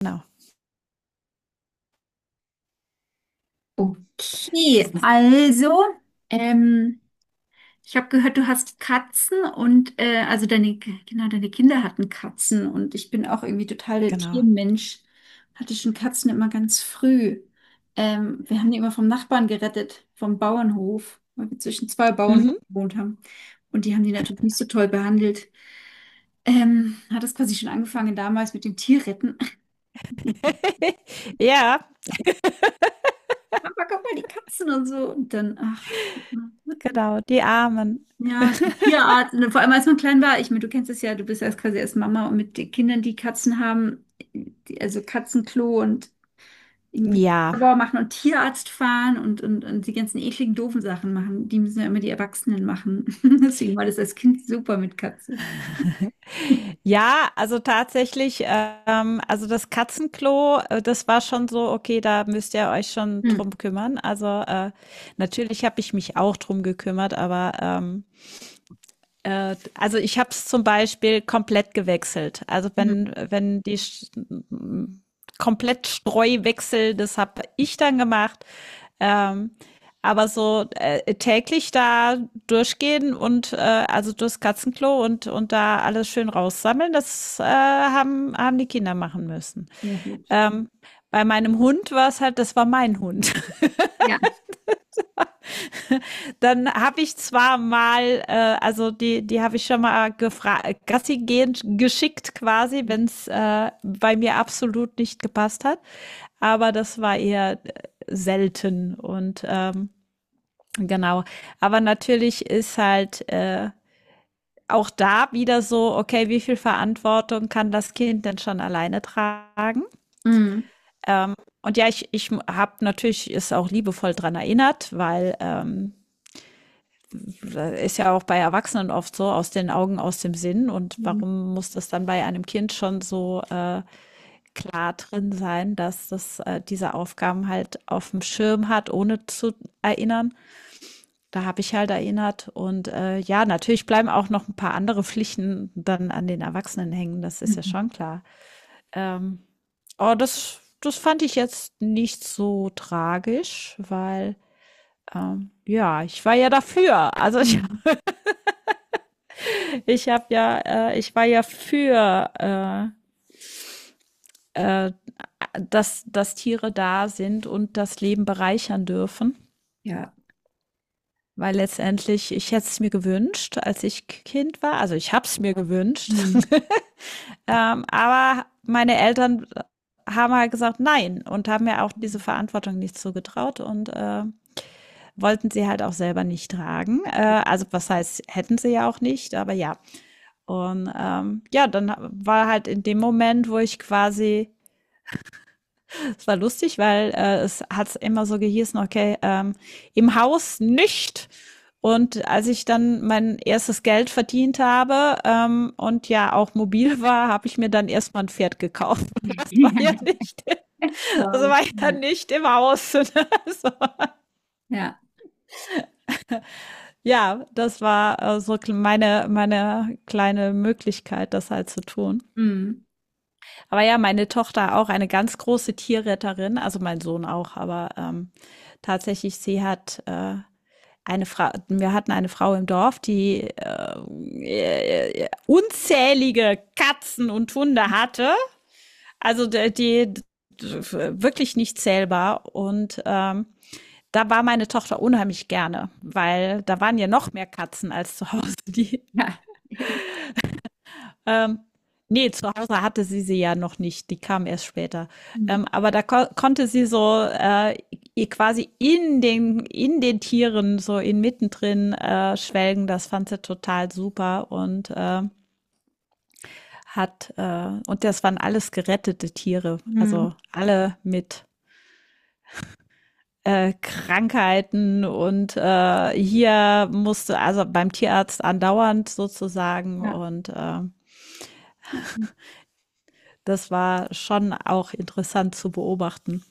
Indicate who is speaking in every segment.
Speaker 1: Genau,
Speaker 2: Okay, also, ähm, ich habe gehört, du hast Katzen und also deine, genau, deine Kinder hatten Katzen und ich bin auch irgendwie total der
Speaker 1: genau.
Speaker 2: Tiermensch. Hatte schon Katzen immer ganz früh. Wir haben die immer vom Nachbarn gerettet, vom Bauernhof, weil wir zwischen zwei Bauernhöfen
Speaker 1: Mhm.
Speaker 2: gewohnt haben. Und die haben die natürlich nicht so toll behandelt. Hat das quasi schon angefangen damals mit dem Tierretten.
Speaker 1: Ja,
Speaker 2: Mama, guck mal, die Katzen und so. Und dann, ach.
Speaker 1: genau, die Armen.
Speaker 2: Ja, Tierarzt, und vor allem als man klein war, ich meine, du kennst es ja, du bist ja erst quasi erst Mama und mit den Kindern, die Katzen haben, die, also Katzenklo und irgendwie
Speaker 1: Ja.
Speaker 2: Labor machen und Tierarzt fahren und die ganzen ekligen, doofen Sachen machen, die müssen ja immer die Erwachsenen machen. Deswegen war das als Kind super mit Katzen.
Speaker 1: Ja, also tatsächlich, also das Katzenklo, das war schon so, okay, da müsst ihr euch schon
Speaker 2: Hm,
Speaker 1: drum kümmern. Also natürlich habe ich mich auch drum gekümmert, aber also ich habe es zum Beispiel komplett gewechselt. Also
Speaker 2: hm,
Speaker 1: wenn die komplett Streuwechsel, das habe ich dann gemacht. Ähm, aber so täglich da durchgehen und also durchs Katzenklo und da alles schön raussammeln, das haben die Kinder machen müssen.
Speaker 2: sehr gut.
Speaker 1: Ähm, bei meinem Hund war es halt, das war mein Hund.
Speaker 2: Ja.
Speaker 1: Dann habe ich zwar mal, also die habe ich schon mal gefragt, Gassi gehend geschickt quasi, wenn es bei mir absolut nicht gepasst hat. Aber das war eher selten und genau. Aber natürlich ist halt auch da wieder so, okay, wie viel Verantwortung kann das Kind denn schon alleine tragen?
Speaker 2: Hm,
Speaker 1: Ähm, und ja, ich habe natürlich es auch liebevoll dran erinnert, weil ist ja auch bei Erwachsenen oft so, aus den Augen, aus dem Sinn. Und
Speaker 2: hm,
Speaker 1: warum muss das dann bei einem Kind schon so klar drin sein, dass das diese Aufgaben halt auf dem Schirm hat, ohne zu erinnern? Da habe ich halt erinnert. Und ja, natürlich bleiben auch noch ein paar andere Pflichten dann an den Erwachsenen hängen. Das ist ja
Speaker 2: hm,
Speaker 1: schon klar. Ähm, oh, das fand ich jetzt nicht so tragisch, weil ja, ich war ja dafür. Also ich
Speaker 2: hm.
Speaker 1: ich habe ja, ich war ja für, äh, äh, dass Tiere da sind und das Leben bereichern dürfen.
Speaker 2: Ja.
Speaker 1: Weil letztendlich, ich hätte es mir gewünscht, als ich Kind war. Also ich habe es mir gewünscht.
Speaker 2: Hm.
Speaker 1: Aber meine Eltern haben halt gesagt nein und haben mir auch diese Verantwortung nicht zugetraut und wollten sie halt auch selber nicht tragen. Also was heißt, hätten sie ja auch nicht, aber ja. Und ja, dann war halt in dem Moment, wo ich quasi es war lustig, weil es hat immer so gehießen, okay, im Haus nicht. Und als ich dann mein erstes Geld verdient habe, und ja auch mobil war, habe ich mir dann erstmal ein Pferd gekauft. Das war ja nicht, das
Speaker 2: Wow.
Speaker 1: war ja
Speaker 2: Ja.
Speaker 1: nicht im Haus. So.
Speaker 2: Ja.
Speaker 1: Ja, das war so meine kleine Möglichkeit, das halt zu tun.
Speaker 2: Hm.
Speaker 1: Aber ja, meine Tochter auch eine ganz große Tierretterin, also mein Sohn auch, aber tatsächlich, sie hat eine Frau, wir hatten eine Frau im Dorf, die unzählige Katzen und Hunde hatte, also die wirklich nicht zählbar und da war meine Tochter unheimlich gerne, weil da waren ja noch mehr Katzen als zu Hause. Die
Speaker 2: Ja.
Speaker 1: Ähm, nee, zu Hause hatte sie sie ja noch nicht. Die kam erst später.
Speaker 2: Hm.
Speaker 1: Aber da ko konnte sie so ihr quasi in den Tieren, so inmitten drin schwelgen. Das fand sie total super und und das waren alles gerettete Tiere.
Speaker 2: Hm.
Speaker 1: Also alle mit Krankheiten und hier musste also beim Tierarzt andauernd sozusagen
Speaker 2: Ja.
Speaker 1: und das war schon auch interessant zu beobachten.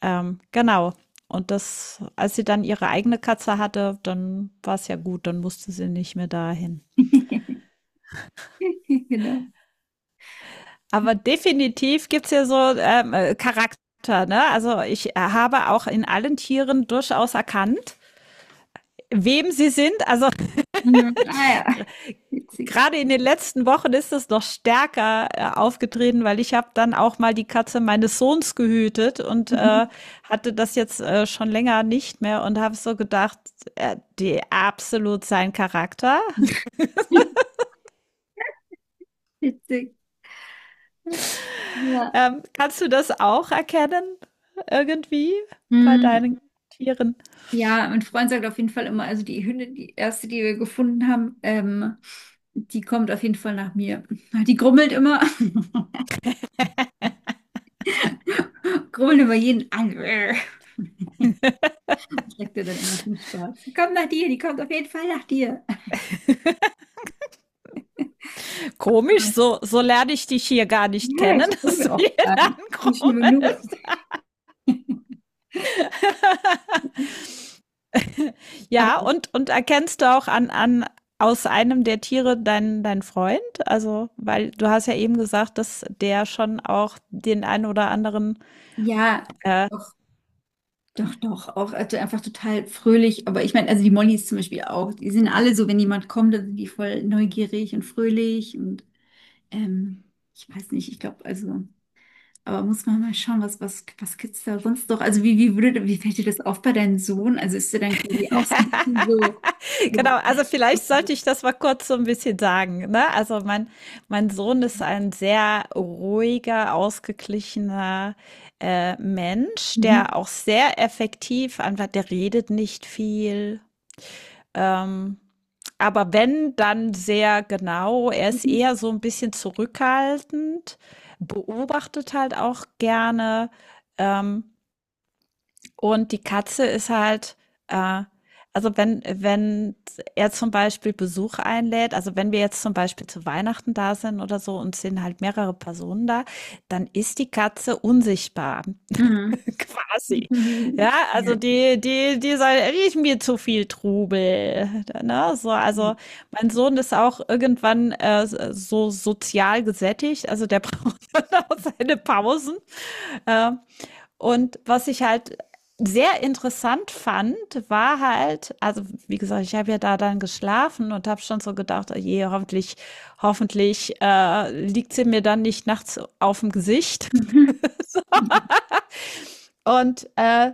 Speaker 1: Genau. Und das, als sie dann ihre eigene Katze hatte, dann war es ja gut, dann musste sie nicht mehr dahin.
Speaker 2: Genau.
Speaker 1: Aber definitiv gibt's ja so Charakter, ne? Also ich habe auch in allen Tieren durchaus erkannt, wem sie sind. Also
Speaker 2: Mhm. Ah ja, witzig.
Speaker 1: gerade in den letzten Wochen ist es noch stärker aufgetreten, weil ich habe dann auch mal die Katze meines Sohns gehütet und
Speaker 2: Mhm.
Speaker 1: hatte das jetzt schon länger nicht mehr und habe so gedacht, die absolut sein Charakter.
Speaker 2: Witzig. Ja.
Speaker 1: Kannst du das auch erkennen? Irgendwie bei
Speaker 2: Mhm.
Speaker 1: deinen Tieren?
Speaker 2: Ja, mein Freund sagt auf jeden Fall immer, also die Hündin, die erste, die wir gefunden haben, die kommt auf jeden Fall nach mir. Die grummelt immer, grummelt immer jeden an. Sagt er dann immer zum Spaß. Komm nach dir, die kommt auf jeden Fall nach dir.
Speaker 1: Komisch,
Speaker 2: Aber,
Speaker 1: so, so lerne ich dich hier gar nicht
Speaker 2: ja,
Speaker 1: kennen,
Speaker 2: ich
Speaker 1: dass
Speaker 2: grummel
Speaker 1: du
Speaker 2: auch
Speaker 1: hier
Speaker 2: gar nicht. Ich nur.
Speaker 1: ankommst.
Speaker 2: Aber
Speaker 1: Ja, und erkennst du auch aus einem der Tiere dein Freund? Also, weil du hast ja eben gesagt, dass der schon auch den einen oder anderen
Speaker 2: ja, doch. Doch, doch, auch also einfach total fröhlich. Aber ich meine, also die Mollys zum Beispiel auch, die sind alle so, wenn jemand kommt, dann sind die voll neugierig und fröhlich und ähm, ich weiß nicht, ich glaube, also, aber muss man mal schauen, was gibt's da sonst noch? Also wie, wie würde, wie fällt dir das auf bei deinem Sohn? Also ist er dann quasi auch so ein bisschen so,
Speaker 1: genau,
Speaker 2: so
Speaker 1: also vielleicht sollte ich das mal kurz so ein bisschen sagen. Ne? Also mein Sohn ist ein sehr ruhiger, ausgeglichener Mensch,
Speaker 2: mhm.
Speaker 1: der auch sehr effektiv einfach, der redet nicht viel. Ähm, aber wenn, dann sehr genau. Er ist eher so ein bisschen zurückhaltend, beobachtet halt auch gerne. Ähm, und die Katze ist halt, äh, also wenn er zum Beispiel Besuch einlädt, also wenn wir jetzt zum Beispiel zu Weihnachten da sind oder so und sind halt mehrere Personen da, dann ist die Katze unsichtbar,
Speaker 2: Mhm.
Speaker 1: quasi.
Speaker 2: Mhm.
Speaker 1: Ja,
Speaker 2: Ja.
Speaker 1: also die soll riecht mir zu viel Trubel. Ne? So, also
Speaker 2: Mhm.
Speaker 1: mein Sohn ist auch irgendwann so sozial gesättigt, also der braucht dann auch seine Pausen. Äh, und was ich halt sehr interessant fand, war halt, also wie gesagt, ich habe ja da dann geschlafen und habe schon so gedacht, oh je, hoffentlich, hoffentlich liegt sie mir dann nicht nachts auf dem Gesicht.
Speaker 2: Mhm. Mhm.
Speaker 1: Und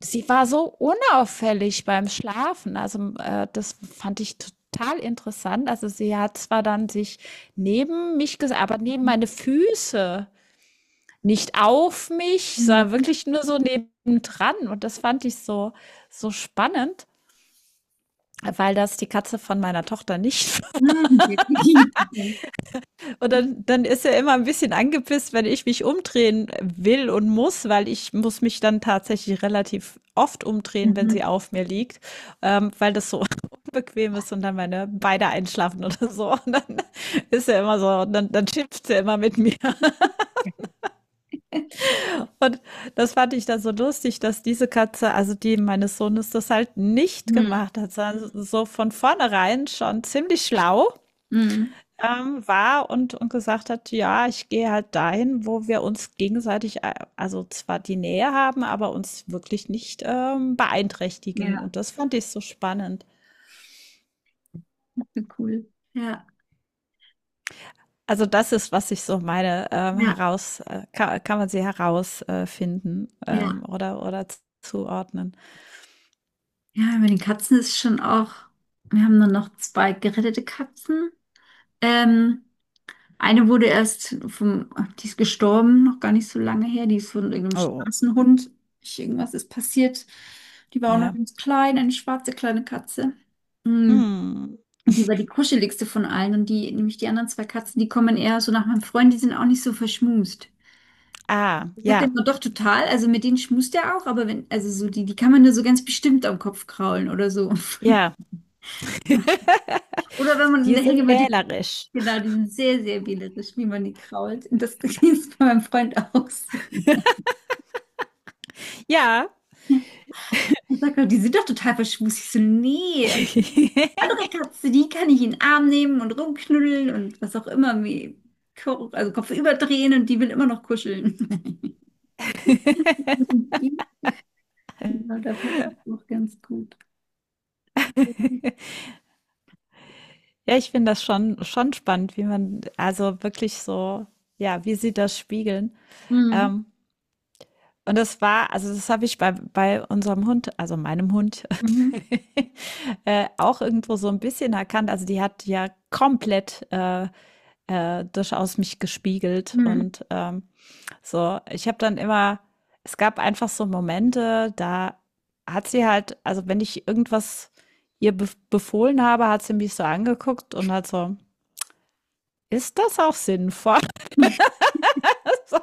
Speaker 1: sie war so unauffällig beim Schlafen. Also das fand ich total interessant. Also sie hat zwar dann sich neben mich, aber neben meine Füße nicht auf mich, sondern
Speaker 2: Mhm.
Speaker 1: wirklich nur so nebendran. Und das fand ich so, so spannend, weil das die Katze von meiner Tochter nicht.
Speaker 2: Mhm.
Speaker 1: Und dann, dann ist er immer ein bisschen angepisst, wenn ich mich umdrehen will und muss, weil ich muss mich dann tatsächlich relativ oft umdrehen, wenn sie
Speaker 2: Mhm.
Speaker 1: auf mir liegt, weil das so unbequem ist und dann meine Beine einschlafen oder so. Und dann ist er immer so, dann schimpft er immer mit mir. Und das fand ich dann so lustig, dass diese Katze, also die meines Sohnes, das halt nicht
Speaker 2: Mhm.
Speaker 1: gemacht hat, sondern so so von vornherein schon ziemlich schlau
Speaker 2: Mhm.
Speaker 1: war und gesagt hat, ja, ich gehe halt dahin, wo wir uns gegenseitig, also zwar die Nähe haben, aber uns wirklich nicht beeinträchtigen. Und
Speaker 2: Ja.
Speaker 1: das fand ich so spannend.
Speaker 2: Wie cool. Ja,
Speaker 1: Also das ist, was ich so meine,
Speaker 2: ja,
Speaker 1: kann man sie herausfinden
Speaker 2: ja.
Speaker 1: oder zuordnen.
Speaker 2: Ja, bei den Katzen ist schon auch, wir haben dann noch zwei gerettete Katzen. Ähm, eine wurde die ist gestorben, noch gar nicht so lange her, die ist von irgendeinem
Speaker 1: Oh,
Speaker 2: Straßenhund. Irgendwas ist passiert. Die war auch
Speaker 1: ja.
Speaker 2: noch
Speaker 1: Yeah.
Speaker 2: ganz klein, eine schwarze kleine Katze. Mm.
Speaker 1: Hm.
Speaker 2: Und die war die kuscheligste von allen und die, nämlich die anderen zwei Katzen, die kommen eher so nach meinem Freund, die sind auch nicht so verschmust.
Speaker 1: Ah,
Speaker 2: Ich sag dann
Speaker 1: ja,
Speaker 2: immer, doch total, also mit denen schmust er auch, aber wenn, also so die, die kann man nur so ganz bestimmt am Kopf kraulen oder so.
Speaker 1: ja.
Speaker 2: Oder wenn man in
Speaker 1: Die
Speaker 2: der
Speaker 1: sind
Speaker 2: Hängematte,
Speaker 1: wählerisch.
Speaker 2: genau, die sind sehr, sehr wählerisch, wie man die krault. Und das ist bei meinem Freund auch so.
Speaker 1: Ja.
Speaker 2: Er sagt auch, die sind doch total verschmust. Ich so, nee, andere Katze, die kann ich in den Arm nehmen und rumknuddeln und was auch immer, wie, also Kopf überdrehen und die will immer noch kuscheln. Und die, ja, da passt es auch ganz gut.
Speaker 1: Ja, ich finde das schon schon spannend, wie man also wirklich so ja, wie sie das spiegeln.
Speaker 2: Mhm.
Speaker 1: Ähm, und das war also das habe ich bei bei unserem Hund, also meinem Hund,
Speaker 2: Mhm.
Speaker 1: auch irgendwo so ein bisschen erkannt. Also, die hat ja komplett, durchaus mich gespiegelt
Speaker 2: Mhm.
Speaker 1: und, so, ich habe dann immer es gab einfach so Momente, da hat sie halt, also wenn ich irgendwas ihr be befohlen habe, hat sie mich so angeguckt und hat so, ist das auch sinnvoll? So,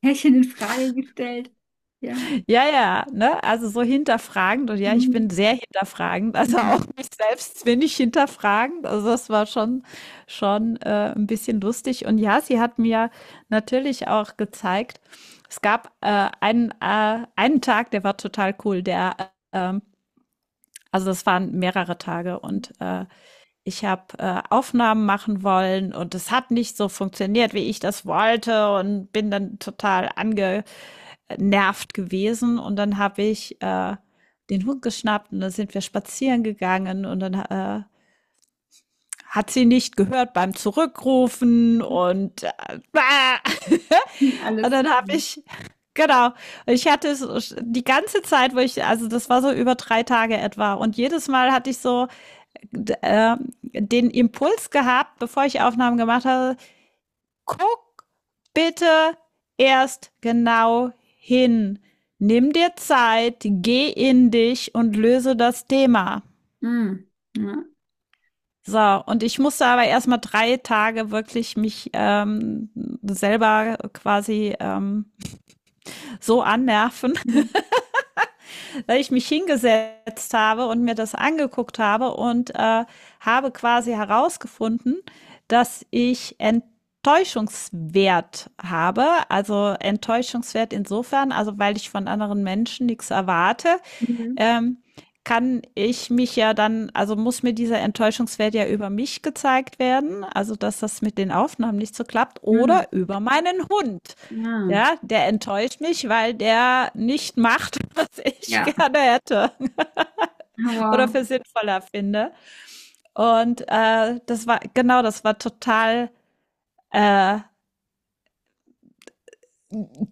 Speaker 2: Pärchen in Frage gestellt. Ja.
Speaker 1: ja, ja, ne? Also so hinterfragend und ja, ich
Speaker 2: Mhm.
Speaker 1: bin sehr hinterfragend, also auch
Speaker 2: Mhm.
Speaker 1: mich selbst bin ich hinterfragend. Also das war schon, schon ein bisschen lustig. Und ja, sie hat mir natürlich auch gezeigt, es gab einen Tag, der war total cool, der äh, also das waren mehrere Tage und ich habe Aufnahmen machen wollen und es hat nicht so funktioniert, wie ich das wollte und bin dann total angenervt gewesen und dann habe ich den Hund geschnappt und dann sind wir spazieren gegangen und dann hat sie nicht gehört beim Zurückrufen und äh,
Speaker 2: Nie
Speaker 1: und
Speaker 2: alles.
Speaker 1: dann habe
Speaker 2: Mhm.
Speaker 1: ich genau. Ich hatte es die ganze Zeit, wo ich, also das war so über drei Tage etwa. Und jedes Mal hatte ich so äh, den Impuls gehabt, bevor ich Aufnahmen gemacht habe, guck bitte erst genau hin. Nimm dir Zeit, geh in dich und löse das Thema.
Speaker 2: Mhm. Ja.
Speaker 1: So, und ich musste aber erstmal drei Tage wirklich mich selber quasi so annerven,
Speaker 2: Mhm.
Speaker 1: weil ich mich hingesetzt habe und mir das angeguckt habe und habe quasi herausgefunden, dass ich Enttäuschungswert habe. Also Enttäuschungswert insofern, also weil ich von anderen Menschen nichts erwarte,
Speaker 2: Mhm.
Speaker 1: ähm, kann ich mich ja dann, also muss mir dieser Enttäuschungswert ja über mich gezeigt werden, also dass das mit den Aufnahmen nicht so klappt,
Speaker 2: Mhm.
Speaker 1: oder über meinen Hund.
Speaker 2: Ja.
Speaker 1: Ja, der enttäuscht mich, weil der nicht macht, was ich
Speaker 2: Ja.
Speaker 1: gerne hätte
Speaker 2: Oh,
Speaker 1: oder
Speaker 2: Wow.
Speaker 1: für sinnvoller finde. Und das war, genau, das war total äh,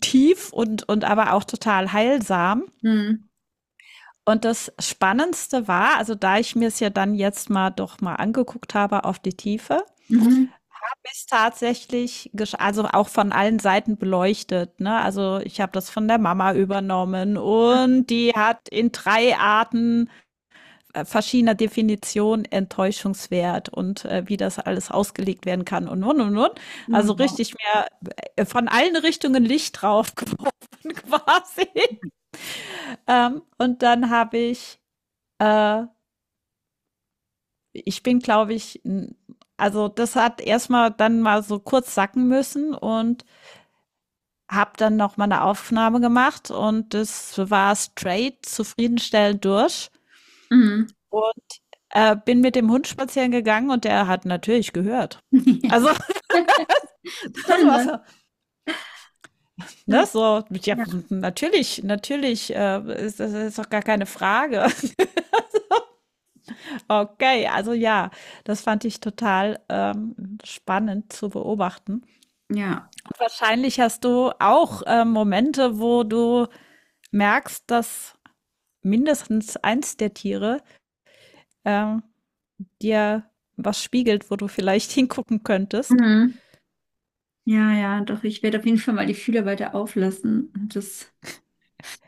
Speaker 1: tief und aber auch total heilsam.
Speaker 2: Mhm.
Speaker 1: Und das Spannendste war, also da ich mir es ja dann jetzt mal doch mal angeguckt habe auf die Tiefe,
Speaker 2: Mhm.
Speaker 1: ist tatsächlich gesch also auch von allen Seiten beleuchtet, ne? Also, ich habe das von der Mama übernommen und die hat in 3 Arten, verschiedener Definition Enttäuschungswert und, wie das alles ausgelegt werden kann und und.
Speaker 2: Oh,
Speaker 1: Also,
Speaker 2: Wow.
Speaker 1: richtig mehr von allen Richtungen Licht draufgeworfen quasi. Und dann habe ich, äh ich bin, glaube ich, also das hat erstmal dann mal so kurz sacken müssen und habe dann noch mal eine Aufnahme gemacht und das war straight zufriedenstellend durch
Speaker 2: Mhm.
Speaker 1: und bin mit dem Hund spazieren gegangen und der hat natürlich gehört. Also
Speaker 2: Ja.
Speaker 1: das war
Speaker 2: Spannend.
Speaker 1: so,
Speaker 2: Ja.
Speaker 1: ne, so, ja, natürlich, natürlich, das ist doch gar keine Frage. Okay, also ja, das fand ich total spannend zu beobachten.
Speaker 2: Ja.
Speaker 1: Wahrscheinlich hast du auch Momente, wo du merkst, dass mindestens eins der Tiere äh, dir was spiegelt, wo du vielleicht hingucken könntest.
Speaker 2: Mhm. Ja, ja, doch, ich werde auf jeden Fall mal die Fühler weiter auflassen. Und das,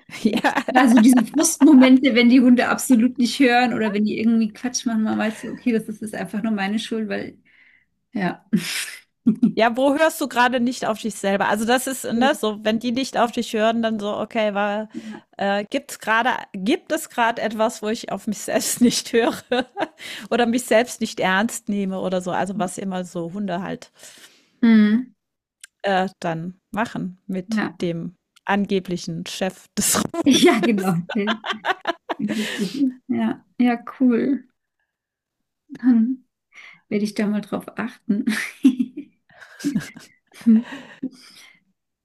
Speaker 1: Ja.
Speaker 2: also diese Frustmomente, wenn die Hunde absolut nicht hören oder wenn die irgendwie Quatsch machen, man weiß, okay, das ist einfach nur meine Schuld, weil ja.
Speaker 1: Ja, wo hörst du gerade nicht auf dich selber? Also das ist ne, so, wenn die nicht auf dich hören, dann so, okay, war,
Speaker 2: Ja,
Speaker 1: gibt es gerade etwas, wo ich auf mich selbst nicht höre, oder mich selbst nicht ernst nehme oder so? Also was immer so Hunde halt
Speaker 2: mhm.
Speaker 1: dann machen mit
Speaker 2: Ja.
Speaker 1: dem angeblichen Chef des
Speaker 2: Ja, genau. Der ja. Ja, cool. Dann werde ich da mal drauf achten.